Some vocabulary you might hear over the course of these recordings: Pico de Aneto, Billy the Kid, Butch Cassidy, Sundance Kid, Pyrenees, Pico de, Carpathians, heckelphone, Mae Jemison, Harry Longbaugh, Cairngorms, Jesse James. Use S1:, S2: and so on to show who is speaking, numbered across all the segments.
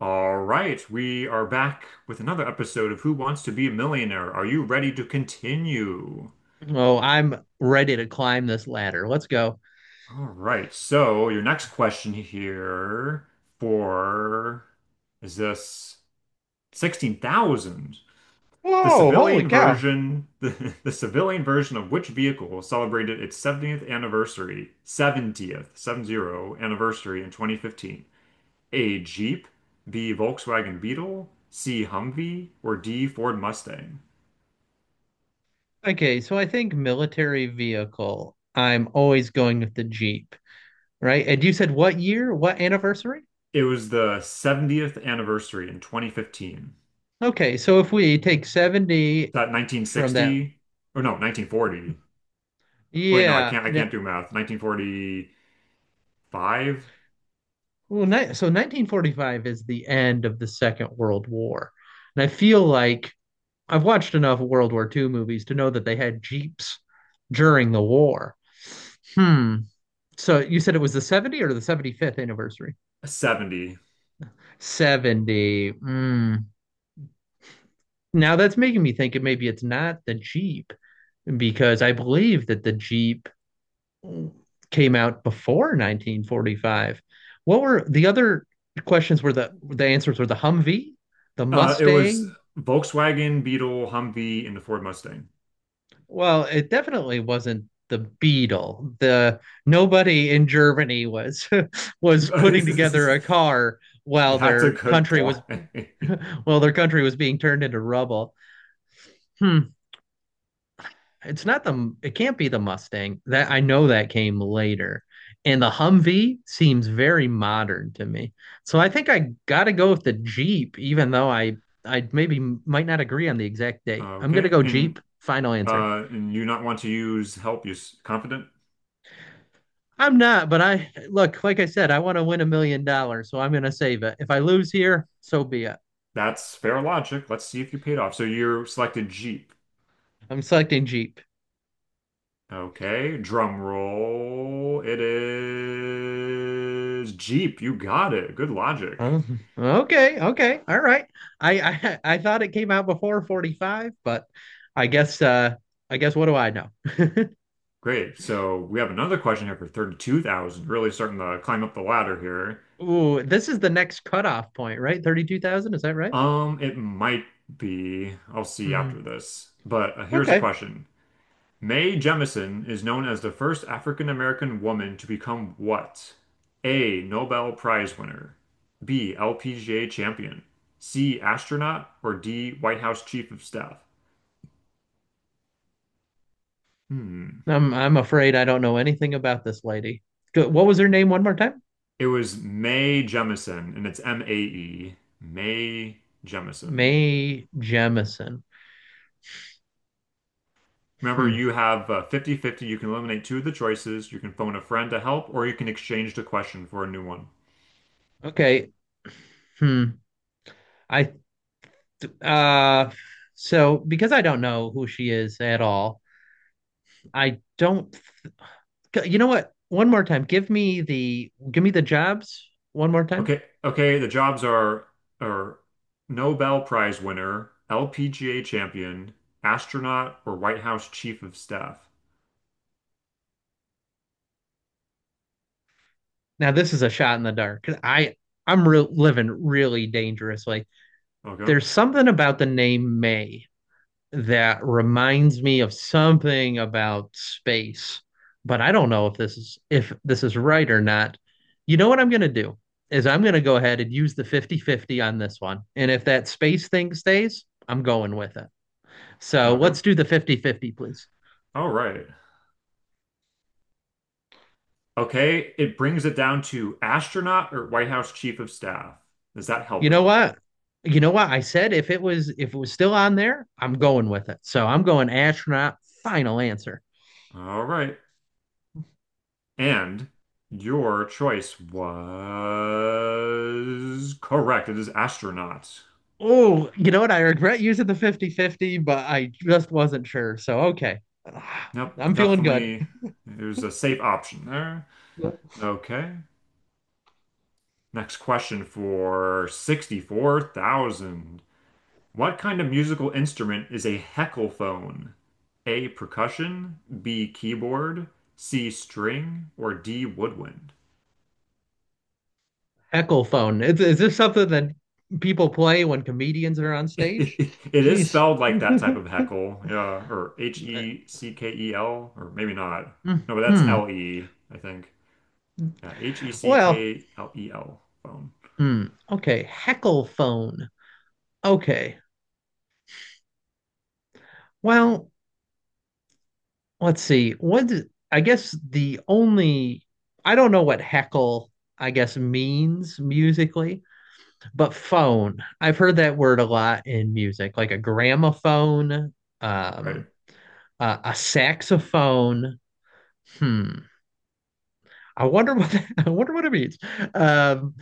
S1: All right, we are back with another episode of Who Wants to Be a Millionaire? Are you ready to continue?
S2: Oh, I'm ready to climb this ladder. Let's go.
S1: All right, so your next question here for is this 16,000? The
S2: Whoa, holy
S1: civilian
S2: cow.
S1: version, the civilian version of which vehicle celebrated its 70th anniversary, 70th, 70 anniversary in 2015? A Jeep, B Volkswagen Beetle, C Humvee, or D Ford Mustang?
S2: Okay, so I think military vehicle. I'm always going with the Jeep, right? And you said what year? What anniversary?
S1: It was the 70th anniversary in 2015.
S2: Okay, so if we take 70
S1: That
S2: from that,
S1: 1960 or no, 1940. Wait, no, I
S2: yeah.
S1: can't I can't do math. 1945,
S2: Well, so 1945 is the end of the Second World War. And I feel like I've watched enough World War II movies to know that they had Jeeps during the war. Hmm. So you said it was the 70 or the 75th anniversary?
S1: 70.
S2: 70. Mm. Now that's making me think it maybe it's not the Jeep because I believe that the Jeep came out before 1945. What were the other questions were the answers were the Humvee, the
S1: It was
S2: Mustang?
S1: Volkswagen, Beetle, Humvee, and the Ford Mustang.
S2: Well, it definitely wasn't the Beetle. The nobody in Germany was was putting together
S1: That's
S2: a car while
S1: a
S2: their
S1: good
S2: country
S1: point.
S2: was Well, their country was being turned into rubble. Hmm. It's not the, it can't be the Mustang. That I know that came later. And the Humvee seems very modern to me. So I think I gotta go with the Jeep, even though I maybe might not agree on the exact date. I'm gonna
S1: Okay.
S2: go
S1: And
S2: Jeep. Final answer.
S1: uh and you not want to use help, use confident.
S2: I'm not, but I look, like I said, I want to win $1 million, so I'm gonna save it. If I lose here, so be it.
S1: That's fair logic. Let's see if you paid off. So you selected Jeep.
S2: I'm selecting Jeep.
S1: Okay, drum roll. It is Jeep. You got it. Good logic.
S2: Oh, okay, okay, all right. I I thought it came out before 45, but I guess what do I know?
S1: Great. So we have another question here for 32,000. Really starting to climb up the ladder here.
S2: Ooh, this is the next cutoff point, right? 32,000, is that right?
S1: It might be. I'll see
S2: Hmm.
S1: after this. But here's a
S2: Okay.
S1: question. Mae Jemison is known as the first African American woman to become what? A. Nobel Prize winner. B. LPGA champion. C. Astronaut. Or D. White House Chief of Staff. Hmm.
S2: I'm afraid I don't know anything about this lady. What was her name one more time?
S1: It was Mae Jemison, and it's Mae, Mae Jemison.
S2: Mae Jemison.
S1: Remember,
S2: Hmm.
S1: you have 50 fifty. You can eliminate two of the choices. You can phone a friend to help, or you can exchange the question for a new one.
S2: Okay. Hmm. I uh so because I don't know who she is at all, I don't. You know what? One more time. Give me the jobs one more time.
S1: Okay, okay, the jobs are Nobel Prize winner, LPGA champion, astronaut, or White House chief of staff.
S2: Now this is a shot in the dark. 'Cause I'm re living really dangerously.
S1: Okay,
S2: There's something about the name May that reminds me of something about space, but I don't know if this is right or not. You know what I'm gonna do is I'm gonna go ahead and use the 50/50 on this one. And if that space thing stays, I'm going with it. So
S1: okay.
S2: let's do the 50/50, please.
S1: All right. Okay, it brings it down to astronaut or White House chief of staff. Does that help
S2: You
S1: at
S2: know
S1: all?
S2: what? You know what? I said if it was still on there, I'm going with it. So I'm going astronaut. Final answer.
S1: All right. And your choice was correct. It is astronaut.
S2: Oh, you know what? I regret using the 50/50, but I just wasn't sure. So okay.
S1: Yep,
S2: I'm feeling good.
S1: definitely. It was a safe option there.
S2: Yeah.
S1: Okay. Next question for 64,000. What kind of musical instrument is a heckelphone? A percussion, B keyboard, C string, or D woodwind?
S2: Heckle phone. Is this something that people play when comedians are on stage?
S1: It is
S2: Jeez.
S1: spelled like that type of heckle, yeah, or Heckel, or maybe not. No, but that's
S2: hmm
S1: L E, I think. Yeah, H E C
S2: Well,
S1: K E L E L, phone.
S2: hmm. Okay. Heckle phone. Okay. Well, let's see. I guess the only, I don't know what heckle I guess means musically, but phone. I've heard that word a lot in music, like a gramophone,
S1: Right.
S2: um, a saxophone. Hmm. I wonder what that, I wonder what it means. Um,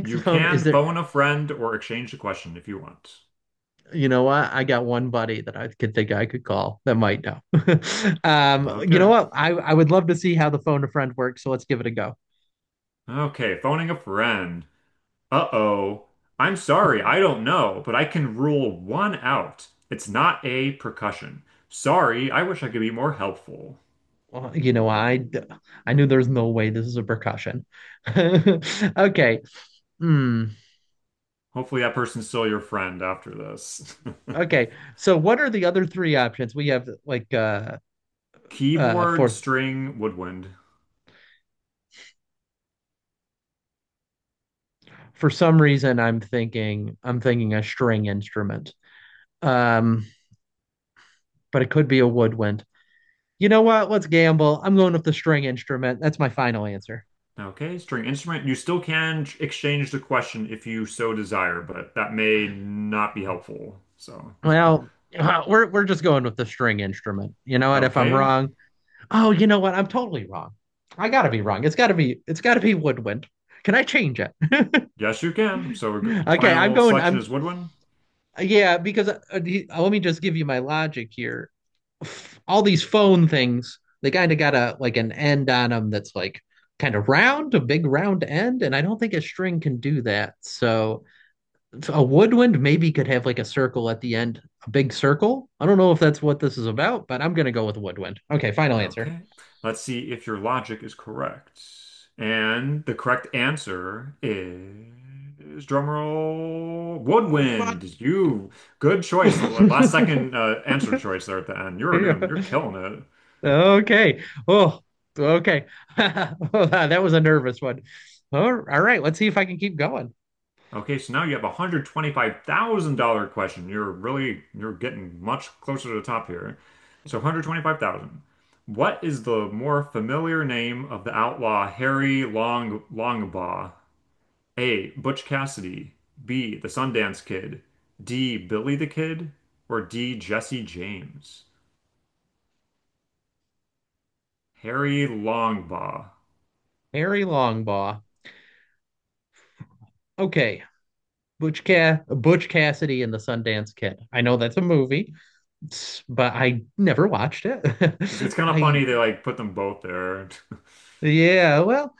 S1: You
S2: Is
S1: can
S2: there?
S1: phone a friend or exchange a question if you want.
S2: You know what? I got one buddy that I could think I could call that might know. You know
S1: Okay.
S2: what? I would love to see how the phone a friend works. So let's give it a go.
S1: Okay, phoning a friend. Uh-oh. I'm sorry, I don't know, but I can rule one out. It's not a percussion. Sorry, I wish I could be more helpful.
S2: Well, you know, I knew there's no way this is a percussion. Okay. Hmm.
S1: Hopefully that person's still your friend after this.
S2: Okay. So what are the other three options? We have like uh
S1: Keyboard,
S2: for
S1: string, woodwind.
S2: for some reason I'm thinking a string instrument. Um, but it could be a woodwind. You know what? Let's gamble. I'm going with the string instrument. That's my final answer.
S1: Okay, string instrument. You still can exchange the question if you so desire, but that may not be helpful. So,
S2: Well, we're just going with the string instrument. You know what? If I'm
S1: okay.
S2: wrong, oh, you know what? I'm totally wrong. I gotta be wrong. It's gotta be Woodwind. Can I change it?
S1: Yes, you can. So, we're
S2: Okay, I'm
S1: final
S2: going.
S1: selection
S2: I'm,
S1: is woodwind.
S2: yeah, because let me just give you my logic here. All these phone things, they kind of got a like an end on them that's like kind of round, a big round end, and I don't think a string can do that. So a woodwind maybe could have like a circle at the end, a big circle. I don't know if that's what this is about, but I'm gonna go with woodwind. Okay, final answer.
S1: Okay. Let's see if your logic is correct. And the correct answer is drumroll
S2: Oh, come
S1: woodwind. You Good choice. The last
S2: on.
S1: second answer choice there at the end. You're
S2: Yeah.
S1: doing, you're killing it.
S2: Okay. Oh, okay. Well, that was a nervous one. All right. Let's see if I can keep going.
S1: Okay, so now you have a $125,000 question. You're getting much closer to the top here. So 125,000 dollars. What is the more familiar name of the outlaw Harry Longbaugh? A. Butch Cassidy. B. The Sundance Kid. D. Billy the Kid. Or D. Jesse James. Harry Longbaugh.
S2: Harry Longbaugh. Okay. Butch Cassidy and the Sundance Kid. I know that's a movie, but I never watched it.
S1: It's kind of
S2: I
S1: funny they like put them both there.
S2: yeah. Well,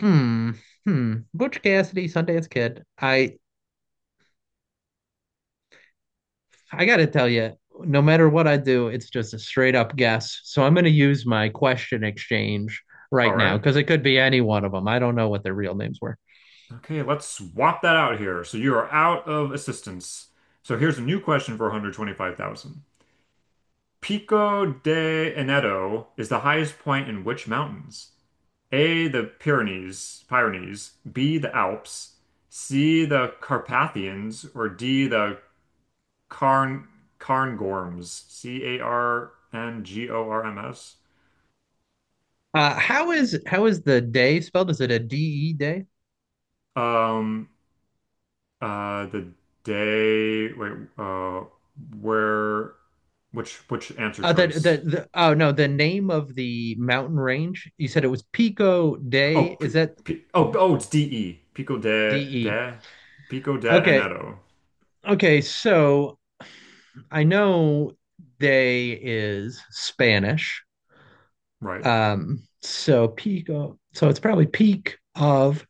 S2: hmm. Hmm. Butch Cassidy, Sundance Kid. I got to tell you, no matter what I do, it's just a straight up guess. So I'm going to use my question exchange
S1: All
S2: right now
S1: right.
S2: because it could be any one of them. I don't know what their real names were.
S1: Okay, let's swap that out here. So you are out of assistance. So here's a new question for 125,000. Pico de Aneto is the highest point in which mountains? A, the Pyrenees, B, the Alps, C, the Carpathians, or D, the Carn Cairngorms, Carngorms.
S2: How is the day spelled? Is it a D E day?
S1: Um, the day. Wait. Where? Which answer
S2: Uh, the, the
S1: choice?
S2: the Oh no, the name of the mountain range. You said it was Pico Day.
S1: Oh,
S2: Is that
S1: it's D E.
S2: D E?
S1: Pico de
S2: Okay,
S1: Aneto.
S2: okay. So I know day is Spanish.
S1: Right.
S2: So peak of, so it's probably peak of,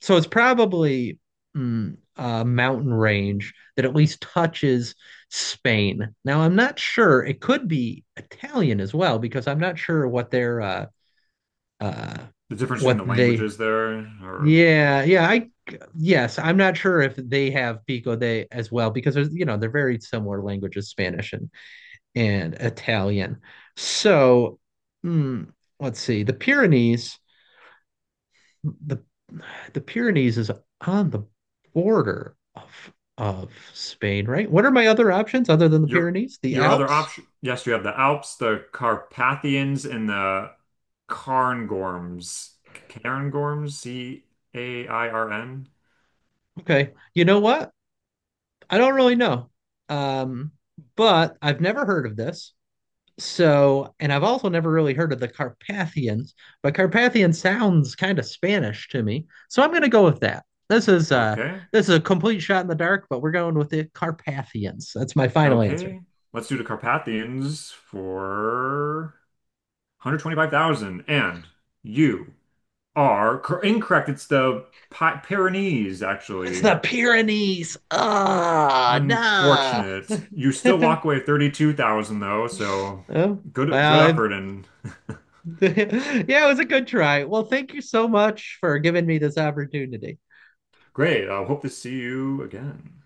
S2: so it's probably, a mountain range that at least touches Spain. Now I'm not sure. It could be Italian as well because I'm not sure what their uh
S1: The difference between
S2: what
S1: the
S2: they,
S1: languages there, or
S2: yeah, yeah, I yes, I'm not sure if they have Pico de as well because there's, they're very similar languages, Spanish and Italian. So mm, let's see, the Pyrenees, the the Pyrenees is on the border of Spain, right? What are my other options other than the
S1: your
S2: Pyrenees? The
S1: your other
S2: Alps?
S1: option. Yes, you have the Alps, the Carpathians, and the Cairngorms. Cairngorms. Cairn.
S2: Okay. You know what? I don't really know. Um, but I've never heard of this. So, and I've also never really heard of the Carpathians, but Carpathian sounds kind of Spanish to me. So I'm going to go with that. This is uh
S1: Okay.
S2: this is a complete shot in the dark, but we're going with the Carpathians. That's my final answer.
S1: Okay. Let's do the Carpathians for 125,000. And you are cor incorrect. It's the Pi Pyrenees,
S2: It's
S1: actually.
S2: the Pyrenees. Ah, oh, nah.
S1: Unfortunate. You still walk away 32,000 though, so
S2: Oh,
S1: good
S2: well, if,
S1: effort and
S2: yeah, it was a good try. Well, thank you so much for giving me this opportunity.
S1: great. I hope to see you again.